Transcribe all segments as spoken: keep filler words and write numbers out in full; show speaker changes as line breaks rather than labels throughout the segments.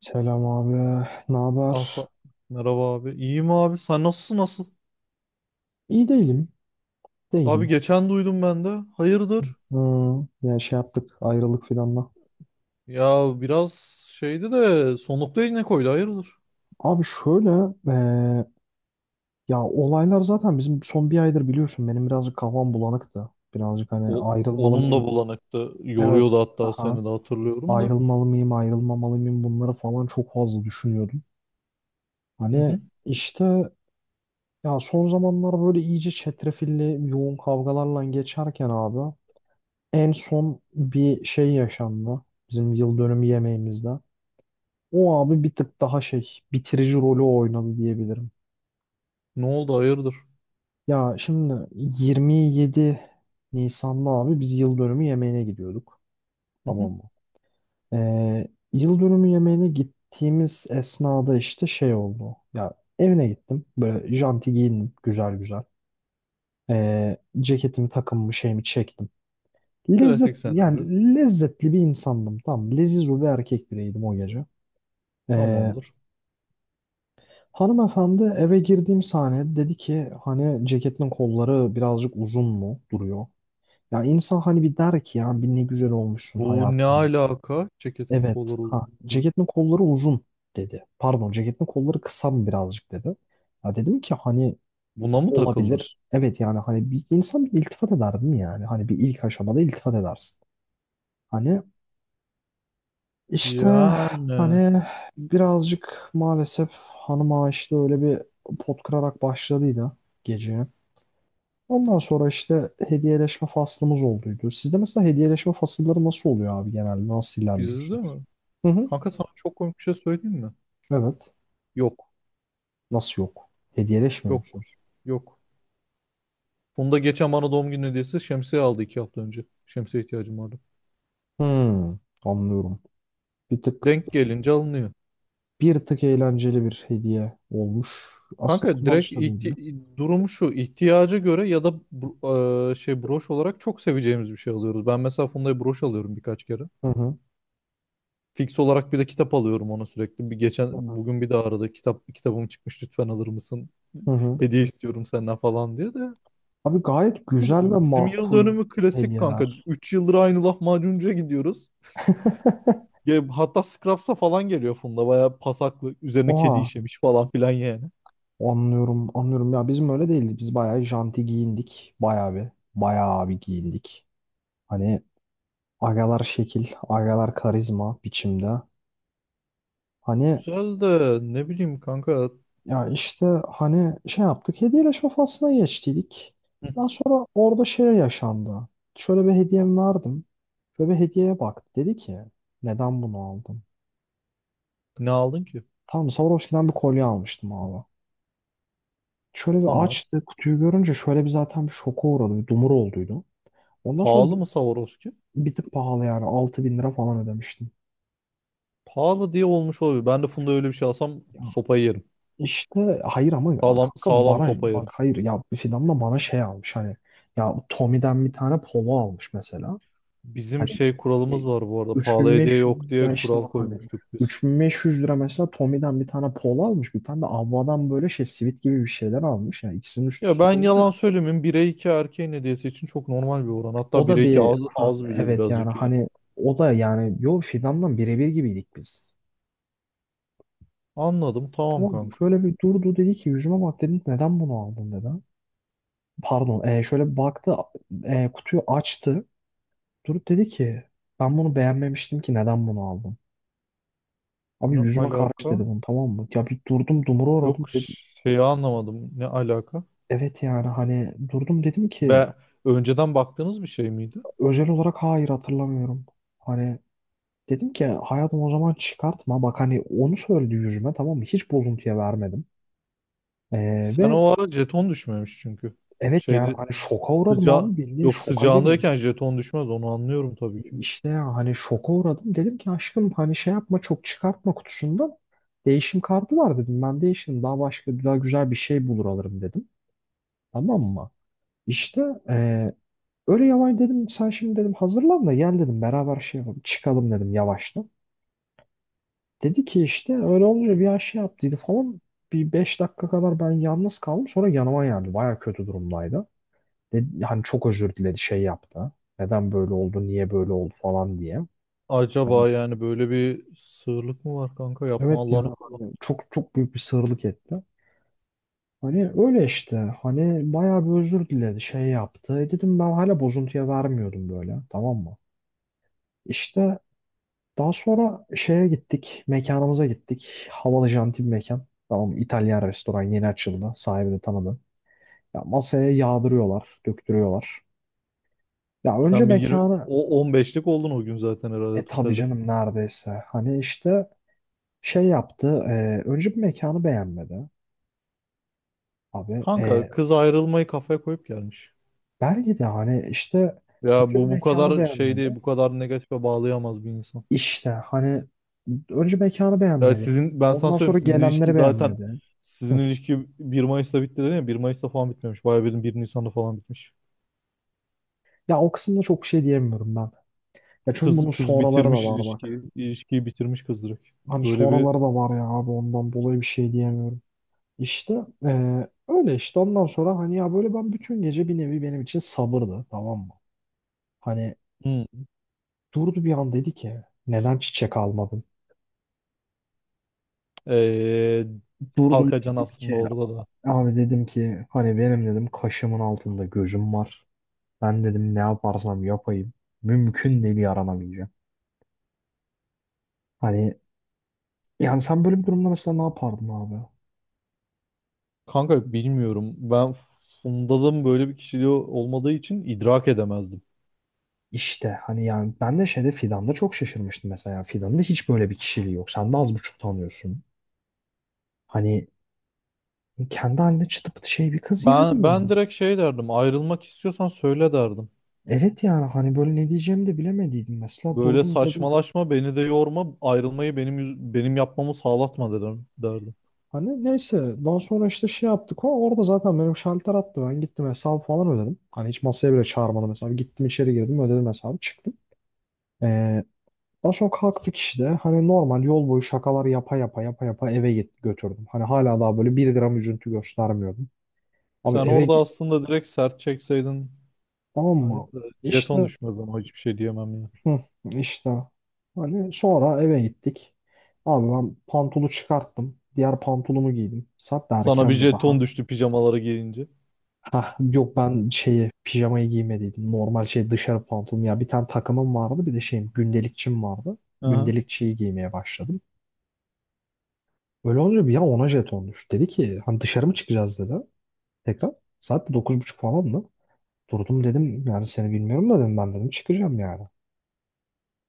Selam abi. Ne haber?
Asa merhaba abi. İyiyim abi. Sen nasılsın nasıl?
İyi değilim.
Abi
Değilim.
geçen duydum ben de. Hayırdır?
Hmm, yani şey yaptık. Ayrılık filanla.
Ya biraz şeydi de sonlukta yine koydu. Hayırdır?
Abi şöyle eee, ya olaylar zaten bizim son bir aydır biliyorsun, benim birazcık kafam bulanıktı. Birazcık hani
O
ayrılmalı
onun da
mıyım?
bulanıktı.
Evet.
Yoruyordu, hatta
Aha.
seni de hatırlıyorum da.
Ayrılmalı mıyım? Ayrılmamalı mıyım? Bunları falan çok fazla düşünüyordum.
Hı
Hani
hı.
işte ya son zamanlar böyle iyice çetrefilli yoğun kavgalarla geçerken abi en son bir şey yaşandı. Bizim yıl dönümü yemeğimizde. O abi bir tık daha şey bitirici rolü oynadı diyebilirim.
Ne oldu, hayırdır?
Ya şimdi yirmi yedi Nisan'da abi biz yıl dönümü yemeğine gidiyorduk.
Hı hı.
Tamam mı? Ee, Yıl dönümü yemeğine gittiğimiz esnada işte şey oldu. Ya evine gittim. Böyle janti giyindim. Güzel güzel. Ee, ceketimi, takımımı, şeyimi çektim. Lezzet,
Klasik
yani
senaryo.
lezzetli bir insandım. Tamam. mı? Leziz bir erkek bireydim o gece. Ee,
Tamamdır.
Hanımefendi, eve girdiğim sahne, dedi ki hani ceketin kolları birazcık uzun mu duruyor? Ya insan hani bir der ki ya bir, ne güzel olmuşsun
Bu ne
hayatım.
alaka? Ceketin
Evet,
kolları
ha,
uzun.
ceketin kolları uzun dedi. Pardon, ceketin kolları kısa mı birazcık dedi. Ya dedim ki hani
Buna mı takıldı?
olabilir. Evet, yani hani bir insan bir iltifat eder değil mi yani? Hani bir ilk aşamada iltifat edersin. Hani işte
Yani
hani birazcık maalesef hanıma işte öyle bir pot kırarak başladıydı gece. Ondan sonra işte hediyeleşme faslımız olduydu. Sizde mesela hediyeleşme fasılları nasıl oluyor abi genelde? Nasıl
bizde
ilerliyorsunuz?
mi?
Hı hı.
Kanka, sana çok komik bir şey söyleyeyim mi?
Evet.
Yok.
Nasıl yok? Hediyeleşmiyor
Yok.
musunuz?
Yok. Onu da geçen bana doğum günü hediyesi şemsiye aldı iki hafta önce. Şemsiye ihtiyacım vardı.
Hmm, Anlıyorum. Bir tık
Denk gelince alınıyor.
bir tık eğlenceli bir hediye olmuş. Aslında
Kanka direkt
kullanışlı bir hediye.
ihti- durum şu. İhtiyaca göre ya da bro- e, şey, broş olarak çok seveceğimiz bir şey alıyoruz. Ben mesela Funda'ya broş alıyorum birkaç kere.
Hı hı.
Fix olarak bir de kitap alıyorum ona sürekli. Bir
Hı
geçen
hı.
bugün bir de aradı. Kitap kitabım çıkmış, lütfen alır mısın?
Hı hı.
Hediye istiyorum senden falan diye de.
Abi gayet güzel ve
Bizim yıl
makul
dönümü klasik kanka.
hediyeler.
Üç yıldır aynı lahmacuncuya gidiyoruz. Ya hatta Scraps'a falan geliyor Funda. Bayağı pasaklı. Üzerine kedi
Oha,
işemiş falan filan yani.
anlıyorum, anlıyorum. Ya bizim öyle değildi. Biz bayağı janti giyindik. Bayağı bir, bayağı bir giyindik. Hani agalar şekil, agalar karizma biçimde. Hani
Güzel de ne bileyim kanka.
ya işte hani şey yaptık, hediyeleşme faslına geçtiydik.
Hı.
Daha sonra orada şey yaşandı. Şöyle bir hediyem verdim. Şöyle bir hediyeye bak. Dedi ki neden bunu aldın?
Ne aldın ki?
Tamam, Swarovski'den bir kolye almıştım abi. Şöyle bir
Tamam.
açtı kutuyu, görünce şöyle bir, zaten bir şoka uğradı. Bir dumur olduydu. Ondan sonra
Pahalı mı Swarovski?
bir tık pahalı, yani altı bin lira falan ödemiştim.
Pahalı diye olmuş olabilir. Ben de Funda öyle bir şey alsam sopayı yerim.
İşte hayır ama ya
Sağlam,
kanka
sağlam
bana
sopa
bak,
yerim.
hayır ya, Fidan da bana şey almış hani, ya Tommy'den bir tane polo almış mesela.
Bizim
Hani
şey
e,
kuralımız var bu arada. Pahalı hediye
üç bin beş yüz,
yok
ya
diye
işte
kural
bak hani
koymuştuk biz.
üç bin beş yüz lira mesela Tommy'den bir tane polo almış, bir tane de Avva'dan böyle şey sivit gibi bir şeyler almış, yani ikisinin üst
Ya
üste
ben yalan
koyunca.
söylemeyeyim. bire iki erkeğin hediyesi için çok normal bir oran. Hatta
O da
bire iki
bir,
az,
ha
az bile
evet, yani
birazcık yani.
hani o da yani, yo, Fidandan birebir gibiydik biz.
Anladım. Tamam
Tamam mı?
kanka.
Şöyle bir durdu, dedi ki yüzüme bak, dedim neden bunu aldın dedi. Pardon, e, şöyle bir baktı, e, kutuyu açtı. Durup dedi ki, ben bunu beğenmemiştim ki, neden bunu aldım? Abi
Ne
yüzüme karşı
alaka?
dedi bunu, tamam mı? Ya bir durdum, dumura uğradım
Yok,
dedim.
şeyi anlamadım. Ne alaka?
Evet, yani hani durdum, dedim ki
Be, önceden baktığınız bir şey miydi?
özel olarak hayır, hatırlamıyorum. Hani dedim ki hayatım, o zaman çıkartma. Bak hani onu söyledi yüzüme, tamam mı? Hiç bozuntuya vermedim. E,
Sen
Ve
o ara jeton düşmemiş çünkü.
evet, yani
Şeyde
hani şoka uğradım
sıca
abi, bildiğin
yok
şoka girdim.
sıcağındayken jeton düşmez, onu anlıyorum tabii ki.
İşte ya hani şoka uğradım. Dedim ki aşkım, hani şey yapma, çok çıkartma kutusundan. Değişim kartı var dedim. Ben değişim, daha başka daha güzel bir şey bulur alırım dedim. Tamam mı? İşte eee, öyle yavaş dedim. Sen şimdi dedim hazırlan da gel dedim. Beraber şey yapalım. Çıkalım dedim yavaştan. Dedi ki işte, öyle olunca bir an şey yaptıydı falan. Bir beş dakika kadar ben yalnız kaldım. Sonra yanıma geldi. Baya kötü durumdaydı. Dedi, hani çok özür diledi, şey yaptı. Neden böyle oldu, niye böyle oldu falan diye. Hani
Acaba yani böyle bir sığırlık mı var kanka?
evet,
Yapma, Allah'ını
yani
korusun.
hani çok çok büyük bir sığırlık etti. Hani öyle işte, hani bayağı bir özür diledi, şey yaptı. E dedim, ben hala bozuntuya vermiyordum böyle, tamam mı? İşte daha sonra şeye gittik, mekanımıza gittik. Havalı janti bir mekan. Tamam mı? İtalyan restoran, yeni açıldı, sahibini tanıdım. Ya masaya yağdırıyorlar, döktürüyorlar. Ya önce
Sen bir yirmi
mekanı,
o on beşlik oldun o gün zaten herhalde
e tabii
totalde.
canım neredeyse, hani işte şey yaptı, e, önce bir mekanı beğenmedi. Abi,
Kanka,
e,
kız ayrılmayı kafaya koyup gelmiş.
belki de hani işte önce
Ya
bir
bu bu
mekanı
kadar şey değil,
beğenmedi.
bu kadar negatife bağlayamaz bir insan.
İşte hani önce mekanı
Ya
beğenmedi.
sizin, ben sana
Ondan
söyleyeyim,
sonra
sizin
gelenleri
ilişki zaten
beğenmedi.
sizin
Hı.
ilişki bir Mayıs'ta bitti dedin ya, bir Mayıs'ta falan bitmemiş. Bayağı bildiğin bir Nisan'da falan bitmiş.
Ya o kısımda çok şey diyemiyorum ben. Ya çünkü
Kız
bunun
kız
sonraları da
bitirmiş
var
ilişkiyi,
bak.
ilişkiyi bitirmiş kız direkt.
Hani
Böyle bir
sonraları da var ya abi, ondan dolayı bir şey diyemiyorum. İşte eee, öyle işte ondan sonra hani, ya böyle ben bütün gece bir nevi benim için sabırdı, tamam mı? Hani
hmm,
durdu bir an, dedi ki neden çiçek almadın?
ee,
Durdum,
Kalkacan
dedim
aslında
ki
orada da.
abi, dedim ki hani benim dedim kaşımın altında gözüm var. Ben dedim ne yaparsam yapayım. Mümkün değil, yaranamayacağım. Hani yani sen böyle bir durumda mesela ne yapardın abi?
Kanka bilmiyorum. Ben Funda'nın böyle bir kişiliği olmadığı için idrak edemezdim.
İşte hani yani ben de şeyde, Fidan'da çok şaşırmıştım mesela. Fidan'da hiç böyle bir kişiliği yok. Sen de az buçuk tanıyorsun. Hani kendi haline çıtı pıtı şey bir kız yani
Ben ben
bu.
direkt şey derdim. Ayrılmak istiyorsan söyle derdim.
Evet, yani hani böyle ne diyeceğimi de bilemediydim. Mesela
Böyle
durdum, dedim
saçmalaşma, beni de yorma, ayrılmayı benim yüz- benim yapmamı sağlatma dedim derdim.
hani neyse, daha sonra işte şey yaptık, o orada zaten benim şalter attı, ben gittim hesabı falan ödedim. Hani hiç masaya bile çağırmadım hesabı, gittim içeri girdim, ödedim hesabı, çıktım. Ee, Daha sonra kalktık işte, hani normal yol boyu şakalar yapa yapa yapa yapa eve git, götürdüm. Hani hala daha böyle bir gram üzüntü göstermiyordum. Abi
Sen
eve
orada
gi-
aslında direkt sert çekseydin.
tamam
Haydi
mı?
de jeton
İşte
düşmez ama hiçbir şey diyemem ya.
hı, işte hani sonra eve gittik. Abi ben pantolu çıkarttım. Diğer pantolumu giydim. Saat de
Sana bir
erkendi daha.
jeton düştü pijamaları giyince.
Ha yok, ben şeyi, pijamayı giymediydim. Normal şey, dışarı pantolon. Ya bir tane takımım vardı, bir de şeyim, gündelikçim vardı.
Aha.
Gündelikçiyi giymeye başladım. Öyle olunca bir an ona jeton düştü. Dedi ki hani dışarı mı çıkacağız dedi. Tekrar. Saat de dokuz buçuk falan mı? Durdum dedim yani seni bilmiyorum da dedim, ben dedim çıkacağım yani.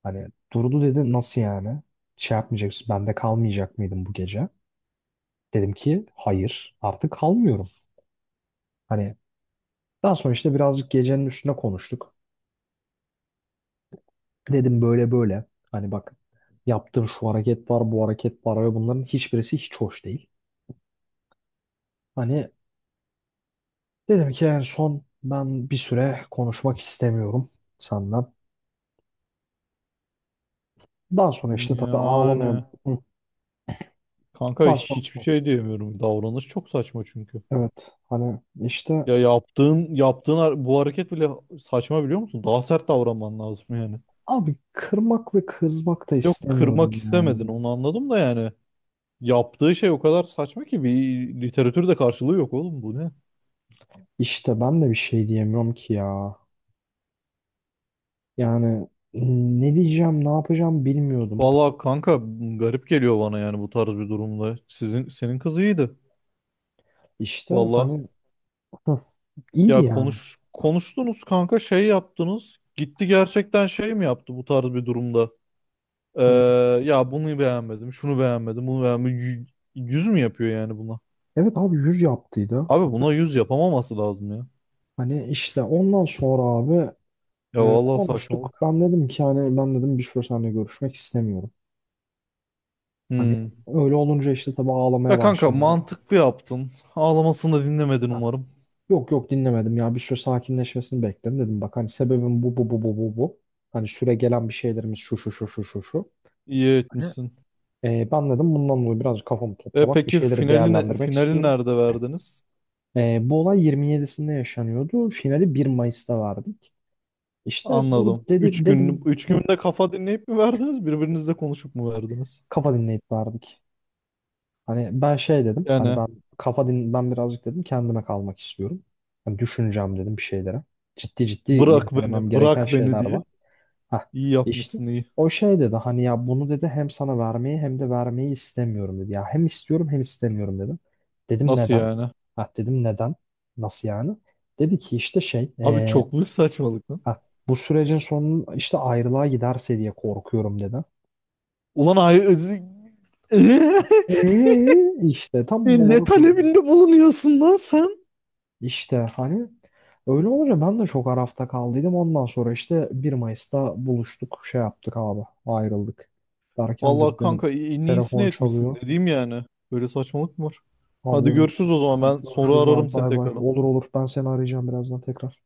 Hani durdu dedi nasıl yani? Şey yapmayacaksın, bende kalmayacak mıydın bu gece? Dedim ki hayır, artık kalmıyorum. Hani daha sonra işte birazcık gecenin üstüne konuştuk. Dedim böyle böyle. Hani bak yaptığın şu hareket var, bu hareket var ve bunların hiçbirisi hiç hoş değil. Hani dedim ki en son, ben bir süre konuşmak istemiyorum senden. Daha sonra işte tabii ağlamaya...
Yani
Hı.
kanka,
Daha sonra
hiçbir şey diyemiyorum. Davranış çok saçma çünkü.
evet, hani işte
Ya yaptığın yaptığın har- bu hareket bile saçma, biliyor musun? Daha sert davranman lazım yani.
abi kırmak ve kızmak da
Yok, kırmak
istemiyordum
istemedin
yani.
onu anladım da yani. Yaptığı şey o kadar saçma ki bir literatürde karşılığı yok oğlum, bu ne?
İşte ben de bir şey diyemiyorum ki ya. Yani ne diyeceğim, ne yapacağım bilmiyordum.
Vallahi kanka, garip geliyor bana yani bu tarz bir durumda. Sizin senin kız iyiydi.
İşte
Vallahi,
hani, hı, iyiydi
ya
yani.
konuş konuştunuz kanka, şey yaptınız. Gitti, gerçekten şey mi yaptı bu tarz bir durumda? Ee,
Hani
Ya bunu beğenmedim, şunu beğenmedim, bunu beğenmedim. Yü- Yüz mü yapıyor yani buna?
evet abi, yüz yaptıydı.
Abi buna yüz yapamaması lazım ya.
Hani işte ondan sonra abi,
Ya
e,
vallahi
konuştuk.
saçmalık.
Ben dedim ki hani ben dedim bir süre seninle görüşmek istemiyorum. Hani
Hmm.
öyle olunca işte tabii ağlamaya
Ya kanka,
başladı.
mantıklı yaptın. Ağlamasını da dinlemedin
Ha,
umarım.
yok yok, dinlemedim, ya bir süre sakinleşmesini bekledim, dedim bak hani sebebim bu, bu, bu, bu, bu, bu. Hani süre gelen bir şeylerimiz şu, şu, şu, şu, şu, şu.
İyi
Hani
etmişsin.
e, ben dedim bundan dolayı biraz kafamı
E
toplamak, bir
peki
şeyleri
finali ne-
değerlendirmek
finali
istiyorum.
nerede verdiniz?
E, bu olay yirmi yedisinde yaşanıyordu. Finali bir Mayıs'ta verdik. İşte dur
Anladım. Üç
dedi,
gün
dedim
üç
hı,
günde kafa dinleyip mi verdiniz? Birbirinizle konuşup mu verdiniz?
kafa dinleyip verdik. Hani ben şey dedim. Hani
Yani
ben kafa din, ben birazcık dedim kendime kalmak istiyorum. Hani düşüneceğim dedim bir şeylere. Ciddi ciddi
bırak
irdelemem
beni,
gereken
bırak beni
şeyler
diye.
var. Heh,
İyi
işte
yapmışsın iyi.
o şey dedi hani ya bunu dedi hem sana vermeyi hem de vermeyi istemiyorum dedi. Ya hem istiyorum hem istemiyorum dedim. Dedim
Nasıl
neden?
yani?
Ha dedim neden? Nasıl yani? Dedi ki işte şey
Abi
eee,
çok büyük saçmalık lan.
ha, bu sürecin sonu işte ayrılığa giderse diye korkuyorum dedi.
Ulan ay
Eee işte tam
E, ne
olarak öyle.
talebinde bulunuyorsun lan sen?
İşte hani öyle olunca ben de çok arafta kaldıydım. Ondan sonra işte bir Mayıs'ta buluştuk, şey yaptık abi, ayrıldık. Derken dur,
Vallahi
benim
kanka, i- en iyisini
telefon
etmişsin
çalıyor.
dediğim yani. Böyle saçmalık mı var?
Abi
Hadi
benim
görüşürüz o zaman, ben sonra
görüşürüz
ararım
abi,
seni
bay bay.
tekrar.
Olur olur, ben seni arayacağım birazdan tekrar.